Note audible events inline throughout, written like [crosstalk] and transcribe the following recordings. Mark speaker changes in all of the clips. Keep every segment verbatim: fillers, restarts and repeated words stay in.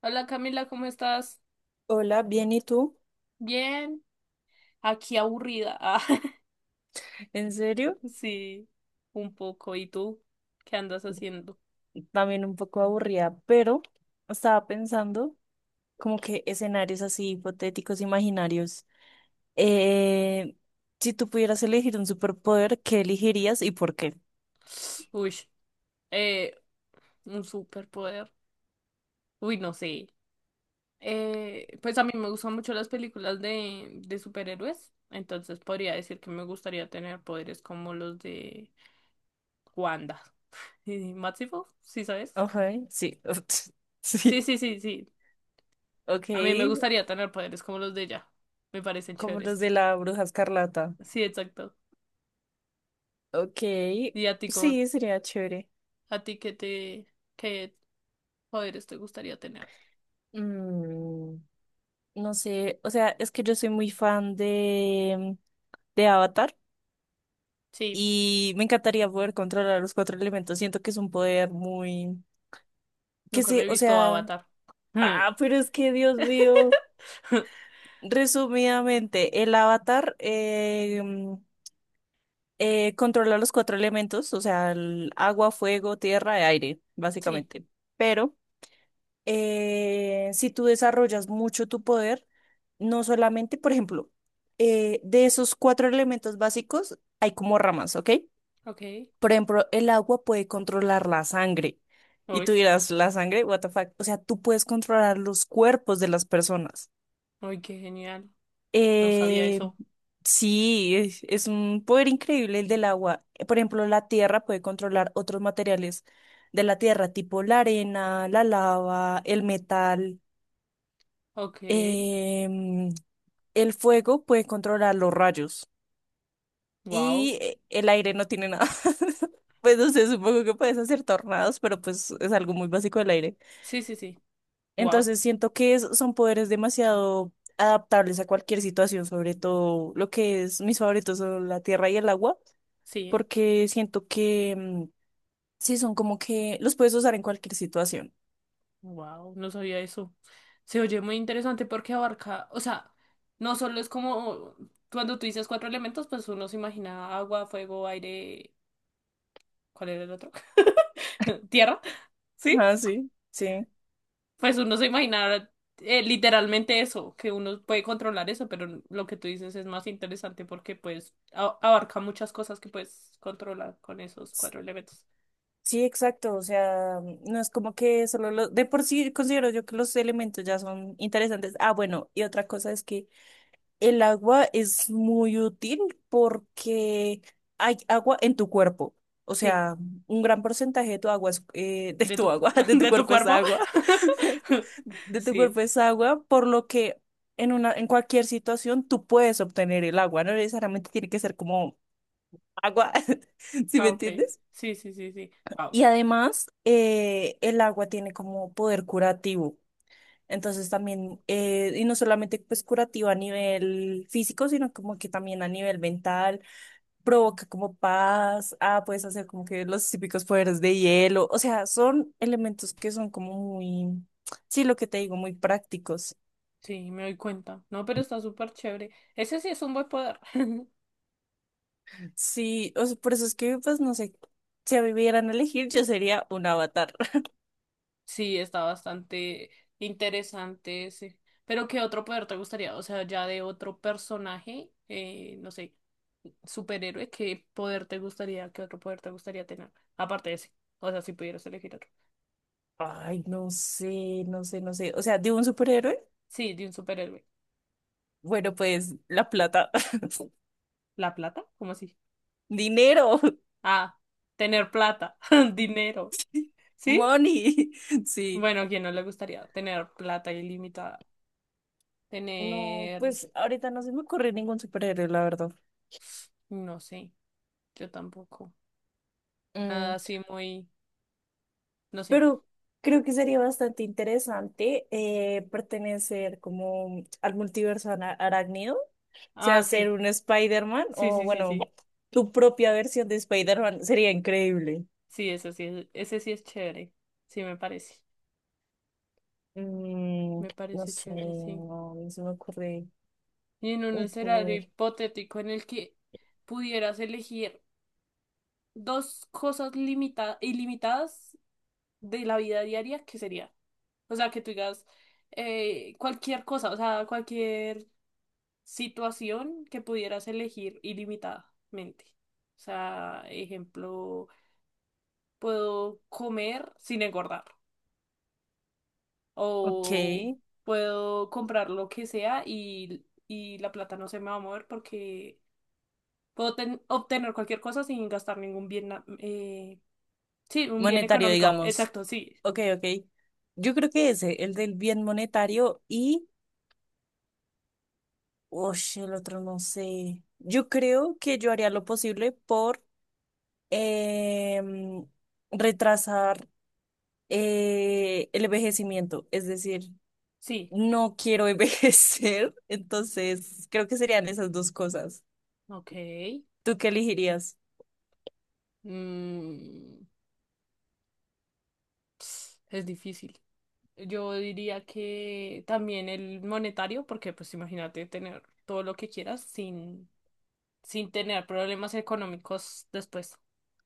Speaker 1: Hola Camila, ¿cómo estás?
Speaker 2: Hola, bien, ¿y tú?
Speaker 1: Bien, aquí aburrida. Ah, [laughs]
Speaker 2: En serio,
Speaker 1: sí, un poco. ¿Y tú? ¿Qué andas haciendo?
Speaker 2: también un poco aburrida, pero estaba pensando como que escenarios así hipotéticos, imaginarios. Eh, si tú pudieras elegir un superpoder, ¿qué elegirías y por qué?
Speaker 1: [sniffs] Uy, eh, un superpoder. Uy, no sé. Eh, pues a mí me gustan mucho las películas de, de superhéroes, entonces podría decir que me gustaría tener poderes como los de Wanda. [laughs] ¿Y Maximoff? ¿Sí sabes?
Speaker 2: Ok, sí, [laughs]
Speaker 1: Sí,
Speaker 2: sí,
Speaker 1: sí, sí, sí.
Speaker 2: ok,
Speaker 1: A mí me gustaría tener poderes como los de ella. Me parecen
Speaker 2: como los
Speaker 1: chéveres.
Speaker 2: de la Bruja Escarlata.
Speaker 1: Sí, exacto.
Speaker 2: Ok,
Speaker 1: ¿Y a ti cómo?
Speaker 2: sí, sería chévere.
Speaker 1: ¿A ti qué te, qué poderes te gustaría tener?
Speaker 2: Mm, no sé, o sea, es que yo soy muy fan de, de Avatar.
Speaker 1: Sí,
Speaker 2: Y me encantaría poder controlar los cuatro elementos. Siento que es un poder muy, que
Speaker 1: nunca me
Speaker 2: sé,
Speaker 1: he
Speaker 2: o
Speaker 1: visto
Speaker 2: sea,
Speaker 1: Avatar. Mm.
Speaker 2: ah, pero es que Dios mío.
Speaker 1: [laughs]
Speaker 2: Resumidamente, el avatar eh, mm, eh, controla los cuatro elementos, o sea, el agua, fuego, tierra y aire,
Speaker 1: Sí,
Speaker 2: básicamente. Pero eh, si tú desarrollas mucho tu poder, no solamente, por ejemplo, eh, de esos cuatro elementos básicos hay como ramas, ¿ok?
Speaker 1: ok.
Speaker 2: Por ejemplo, el agua puede controlar la sangre. Y
Speaker 1: Uy,
Speaker 2: tú dirás, la sangre, what the fuck. O sea, tú puedes controlar los cuerpos de las personas.
Speaker 1: uy, qué genial. No sabía
Speaker 2: Eh,
Speaker 1: eso.
Speaker 2: sí, es es un poder increíble el del agua. Eh, Por ejemplo, la tierra puede controlar otros materiales de la tierra, tipo la arena, la lava, el metal.
Speaker 1: Ok,
Speaker 2: Em, el fuego puede controlar los rayos.
Speaker 1: wow.
Speaker 2: Y eh, el aire no tiene nada. [laughs] Pues no sé, supongo que puedes hacer tornados, pero pues es algo muy básico del aire.
Speaker 1: Sí, sí, sí. Wow,
Speaker 2: Entonces siento que es- son poderes demasiado adaptables a cualquier situación, sobre todo lo que es mis favoritos son la tierra y el agua,
Speaker 1: sí.
Speaker 2: porque siento que mm, sí son como que los puedes usar en cualquier situación.
Speaker 1: Wow, no sabía eso. Se oye muy interesante porque abarca, o sea, no solo es como cuando tú dices cuatro elementos, pues uno se imagina agua, fuego, aire. ¿Cuál era el otro? [laughs] Tierra, ¿sí?
Speaker 2: Ah, sí, sí.
Speaker 1: Pues uno se imaginará eh, literalmente eso, que uno puede controlar eso, pero lo que tú dices es más interesante porque pues a- abarca muchas cosas que puedes controlar con esos
Speaker 2: S-
Speaker 1: cuatro elementos.
Speaker 2: Sí, exacto. O sea, mm, no es como que solo los... De por sí considero yo que los elementos ya son interesantes. Ah, bueno, y otra cosa es que el agua es muy útil porque hay agua en tu cuerpo. O
Speaker 1: Sí,
Speaker 2: sea, un gran porcentaje de tu agua es, eh, [laughs] de
Speaker 1: de tu,
Speaker 2: tu
Speaker 1: cu-
Speaker 2: agua, [laughs] de
Speaker 1: [laughs]
Speaker 2: tu
Speaker 1: de tu
Speaker 2: cuerpo es
Speaker 1: cuerpo.
Speaker 2: agua.
Speaker 1: [laughs]
Speaker 2: [laughs] De tu
Speaker 1: Sí,
Speaker 2: cuerpo es agua, por lo que en una, en cualquier situación tú puedes obtener el agua. No necesariamente tiene que ser como agua, [laughs] ¿sí me
Speaker 1: ah, ok.
Speaker 2: entiendes?
Speaker 1: Sí, sí, sí, sí. Wow.
Speaker 2: Y además, eh, el agua tiene como poder curativo. Entonces también, eh, y no solamente pues curativo a nivel físico, sino como que también a nivel mental, provoca como paz, ah, puedes hacer como que los típicos poderes de hielo, o sea, son elementos que son como muy, sí, lo que te digo, muy prácticos.
Speaker 1: Sí, me doy cuenta. No, pero está súper chévere. Ese sí es un buen poder. [laughs]
Speaker 2: Sí, o sea, por eso es que pues no sé, si a mí me dieran a elegir, yo sería un avatar.
Speaker 1: Sí, está bastante interesante ese. Pero ¿qué otro poder te gustaría? O sea, ya de otro personaje, eh, no sé, superhéroe. ¿Qué poder te gustaría, qué otro poder te gustaría tener? Aparte de ese. O sea, si pudieras elegir otro.
Speaker 2: [laughs] Ay, no sé, no sé, no sé, o sea, de un superhéroe,
Speaker 1: Sí, de un superhéroe.
Speaker 2: bueno, pues la plata, [laughs]
Speaker 1: ¿La plata? ¿Cómo así?
Speaker 2: dinero,
Speaker 1: Ah, tener plata, [laughs] dinero. ¿Sí?
Speaker 2: money, [laughs] sí.
Speaker 1: Bueno, ¿a quién no le gustaría tener plata ilimitada?
Speaker 2: No,
Speaker 1: Tener,
Speaker 2: pues ahorita no se me ocurre ningún superhéroe, la verdad.
Speaker 1: no sé, yo tampoco. Nada
Speaker 2: Mm,
Speaker 1: así muy, no sé.
Speaker 2: pero creo que sería bastante interesante eh, pertenecer como al multiverso ara- arácnido, o
Speaker 1: Ah,
Speaker 2: sea,
Speaker 1: sí,
Speaker 2: ser un Spider-Man
Speaker 1: sí,
Speaker 2: o
Speaker 1: sí, sí,
Speaker 2: bueno,
Speaker 1: sí.
Speaker 2: tu propia versión de Spider-Man sería increíble.
Speaker 1: Sí, eso sí, es- ese sí es chévere. Sí, me parece.
Speaker 2: Mm,
Speaker 1: Me
Speaker 2: no
Speaker 1: parece
Speaker 2: sé,
Speaker 1: chévere, sí.
Speaker 2: no, no se me ocurre
Speaker 1: Y en un
Speaker 2: un
Speaker 1: escenario
Speaker 2: poder.
Speaker 1: hipotético en el que pudieras elegir dos cosas limita- ilimitadas de la vida diaria, ¿qué sería? O sea, que tú digas eh, cualquier cosa, o sea, cualquier situación que pudieras elegir ilimitadamente. O sea, ejemplo, puedo comer sin engordar
Speaker 2: Ok,
Speaker 1: o puedo comprar lo que sea y, y la plata no se me va a mover porque puedo ten- obtener cualquier cosa sin gastar ningún bien, na- eh, sí, un bien
Speaker 2: monetario,
Speaker 1: económico.
Speaker 2: digamos.
Speaker 1: Exacto, sí,
Speaker 2: Ok, ok. Yo creo que ese, el del bien monetario y... oye el otro no sé. Yo creo que yo haría lo posible por em, retrasar eh, el envejecimiento. Es decir,
Speaker 1: sí.
Speaker 2: no quiero envejecer, [laughs] entonces creo que serían esas dos cosas.
Speaker 1: Ok.
Speaker 2: ¿Tú qué elegirías?
Speaker 1: Mm, es difícil. Yo diría que también el monetario, porque pues imagínate tener todo lo que quieras sin, sin tener problemas económicos después.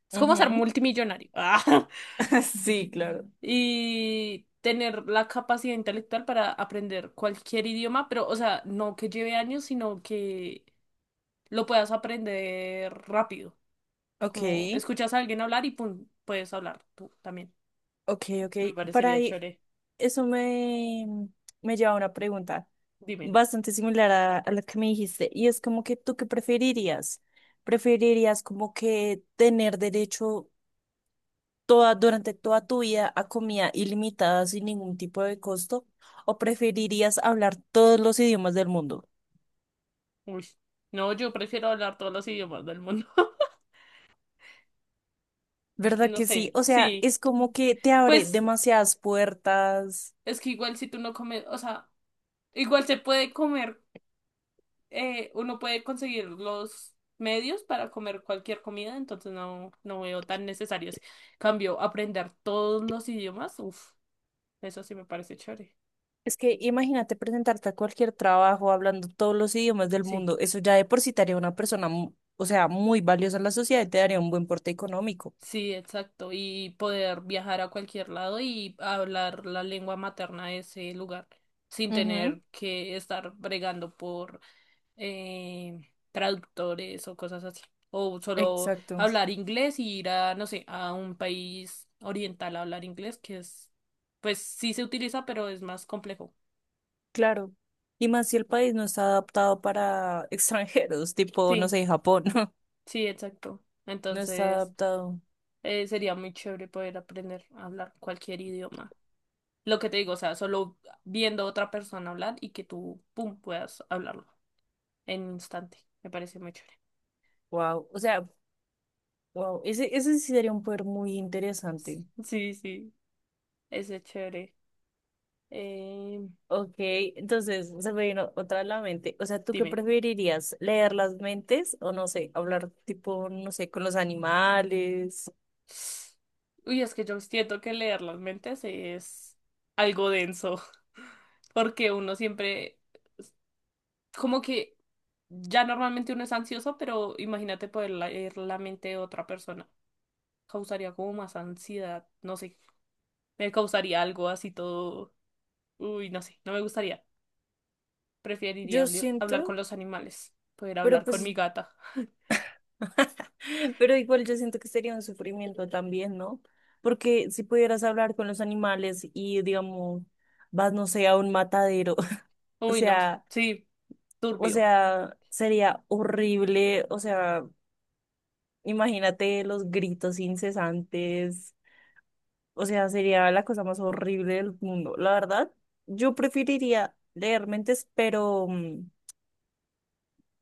Speaker 1: Es como ser
Speaker 2: Ujú.
Speaker 1: multimillonario. [laughs] Ah,
Speaker 2: [laughs] Sí, claro.
Speaker 1: y tener la capacidad intelectual para aprender cualquier idioma, pero o sea, no que lleve años, sino que lo puedas aprender rápido.
Speaker 2: Ok,
Speaker 1: Como escuchas a alguien hablar y pum, puedes hablar tú también.
Speaker 2: ok, ok.
Speaker 1: Me
Speaker 2: Para
Speaker 1: parecería
Speaker 2: ahí.
Speaker 1: chévere.
Speaker 2: Eso me, me lleva a una pregunta
Speaker 1: Dime.
Speaker 2: bastante similar a, a la que me dijiste, y es como que ¿tú qué preferirías? ¿Preferirías como que tener derecho toda, durante toda tu vida a comida ilimitada sin ningún tipo de costo? ¿O preferirías hablar todos los idiomas del mundo?
Speaker 1: Uy. No, yo prefiero hablar todos los idiomas del mundo. [laughs]
Speaker 2: ¿Verdad
Speaker 1: No
Speaker 2: que sí?
Speaker 1: sé,
Speaker 2: O sea,
Speaker 1: sí.
Speaker 2: es como que te abre
Speaker 1: Pues
Speaker 2: demasiadas puertas.
Speaker 1: es que igual si tú no comes, o sea, igual se puede comer, eh, uno puede conseguir los medios para comer cualquier comida, entonces no, no veo tan necesario. Cambio, aprender todos los idiomas, uff, eso sí me parece chévere.
Speaker 2: Es que imagínate presentarte a cualquier trabajo hablando todos los idiomas del
Speaker 1: Sí.
Speaker 2: mundo. Eso ya de por sí te haría una persona, mu- o sea, muy valiosa en la sociedad y te daría un buen porte económico.
Speaker 1: Sí, exacto. Y poder viajar a cualquier lado y hablar la lengua materna de ese lugar sin
Speaker 2: Ujú,
Speaker 1: tener que estar bregando por eh, traductores o cosas así. O solo
Speaker 2: exacto,
Speaker 1: hablar inglés y ir a, no sé, a un país oriental a hablar inglés, que es, pues sí se utiliza, pero es más complejo.
Speaker 2: claro. Y más si el país no está adaptado para extranjeros, tipo, no
Speaker 1: Sí,
Speaker 2: sé, Japón, [laughs]
Speaker 1: sí, exacto.
Speaker 2: no está
Speaker 1: Entonces,
Speaker 2: adaptado.
Speaker 1: eh, sería muy chévere poder aprender a hablar cualquier idioma. Lo que te digo, o sea, solo viendo a otra persona hablar y que tú, pum, puedas hablarlo en un instante. Me parece muy chévere.
Speaker 2: Wow, o sea, wow, ese, ese sí sería un poder muy interesante.
Speaker 1: Sí, sí, ese es chévere. Eh,
Speaker 2: Ok, entonces se me vino otra a la mente. O sea, ¿tú qué
Speaker 1: dime.
Speaker 2: preferirías? ¿Leer las mentes o no sé, hablar tipo, no sé, con los animales?
Speaker 1: Uy, es que yo siento que leer las mentes es algo denso, [laughs] porque uno siempre, como que ya normalmente uno es ansioso, pero imagínate poder leer la mente de otra persona. Causaría como más ansiedad, no sé, me causaría algo así todo, uy, no sé, no me gustaría. Preferiría
Speaker 2: Yo
Speaker 1: habli- hablar con
Speaker 2: siento,
Speaker 1: los animales, poder
Speaker 2: pero
Speaker 1: hablar con
Speaker 2: pues,
Speaker 1: mi gata.
Speaker 2: [laughs] pero igual yo siento que sería un sufrimiento también, ¿no? Porque si pudieras hablar con los animales y, digamos, vas, no sé, a un matadero, [laughs] o
Speaker 1: Uy, no,
Speaker 2: sea,
Speaker 1: sí,
Speaker 2: o
Speaker 1: turbio.
Speaker 2: sea, sería horrible, o sea, imagínate los gritos incesantes. O sea, sería la cosa más horrible del mundo. La verdad, yo preferiría leer mentes, pero mm,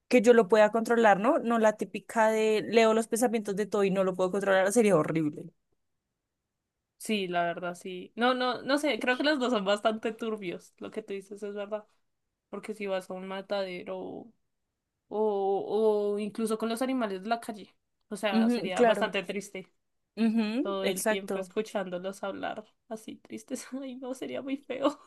Speaker 2: que yo lo pueda controlar, ¿no? No la típica de leo los pensamientos de todo y no lo puedo controlar, sería horrible.
Speaker 1: Sí, la verdad, sí. No, no, no sé, creo que los dos son bastante turbios. Lo que tú dices es verdad. Porque si vas a un matadero o, o incluso con los animales de la calle, o sea,
Speaker 2: Ujú,
Speaker 1: sería
Speaker 2: claro.
Speaker 1: bastante triste
Speaker 2: Ujú,
Speaker 1: todo el tiempo
Speaker 2: exacto. [clears throat]
Speaker 1: escuchándolos hablar así tristes. [laughs] Ay, no, sería muy feo.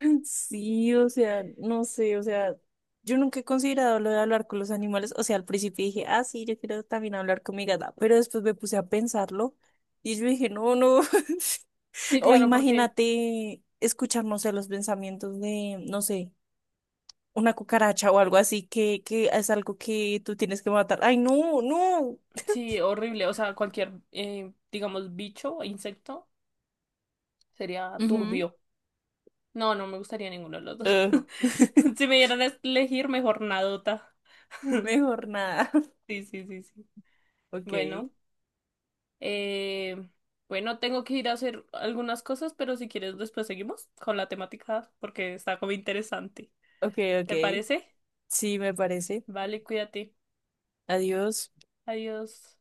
Speaker 2: [laughs] Sí, o sea, no sé, o sea, yo nunca he considerado lo de hablar con los animales. O sea, al principio dije, ah, sí, yo quiero también hablar con mi gata, pero después me puse a pensarlo y yo dije, no, no. [laughs]
Speaker 1: Sí,
Speaker 2: O
Speaker 1: claro, porque
Speaker 2: imagínate escucharnos no los pensamientos de, no sé, una cucaracha o algo así, que, que es algo que tú tienes que matar. Ay, no, no.
Speaker 1: sí, horrible. O sea, cualquier, eh, digamos, bicho o insecto sería
Speaker 2: Ujú.
Speaker 1: turbio. No, no me gustaría ninguno de los dos.
Speaker 2: Ugh.
Speaker 1: [laughs] Si
Speaker 2: [laughs]
Speaker 1: me dieran a elegir, mejor nadota. [laughs]
Speaker 2: Mejor nada. [laughs]
Speaker 1: Sí, sí, sí, sí.
Speaker 2: Ok,
Speaker 1: Bueno, eh, bueno, tengo que ir a hacer algunas cosas, pero si quieres después seguimos con la temática porque está como interesante.
Speaker 2: ok,
Speaker 1: ¿Te
Speaker 2: ok.
Speaker 1: parece?
Speaker 2: Sí, me parece.
Speaker 1: Vale, cuídate.
Speaker 2: Adiós.
Speaker 1: Adiós.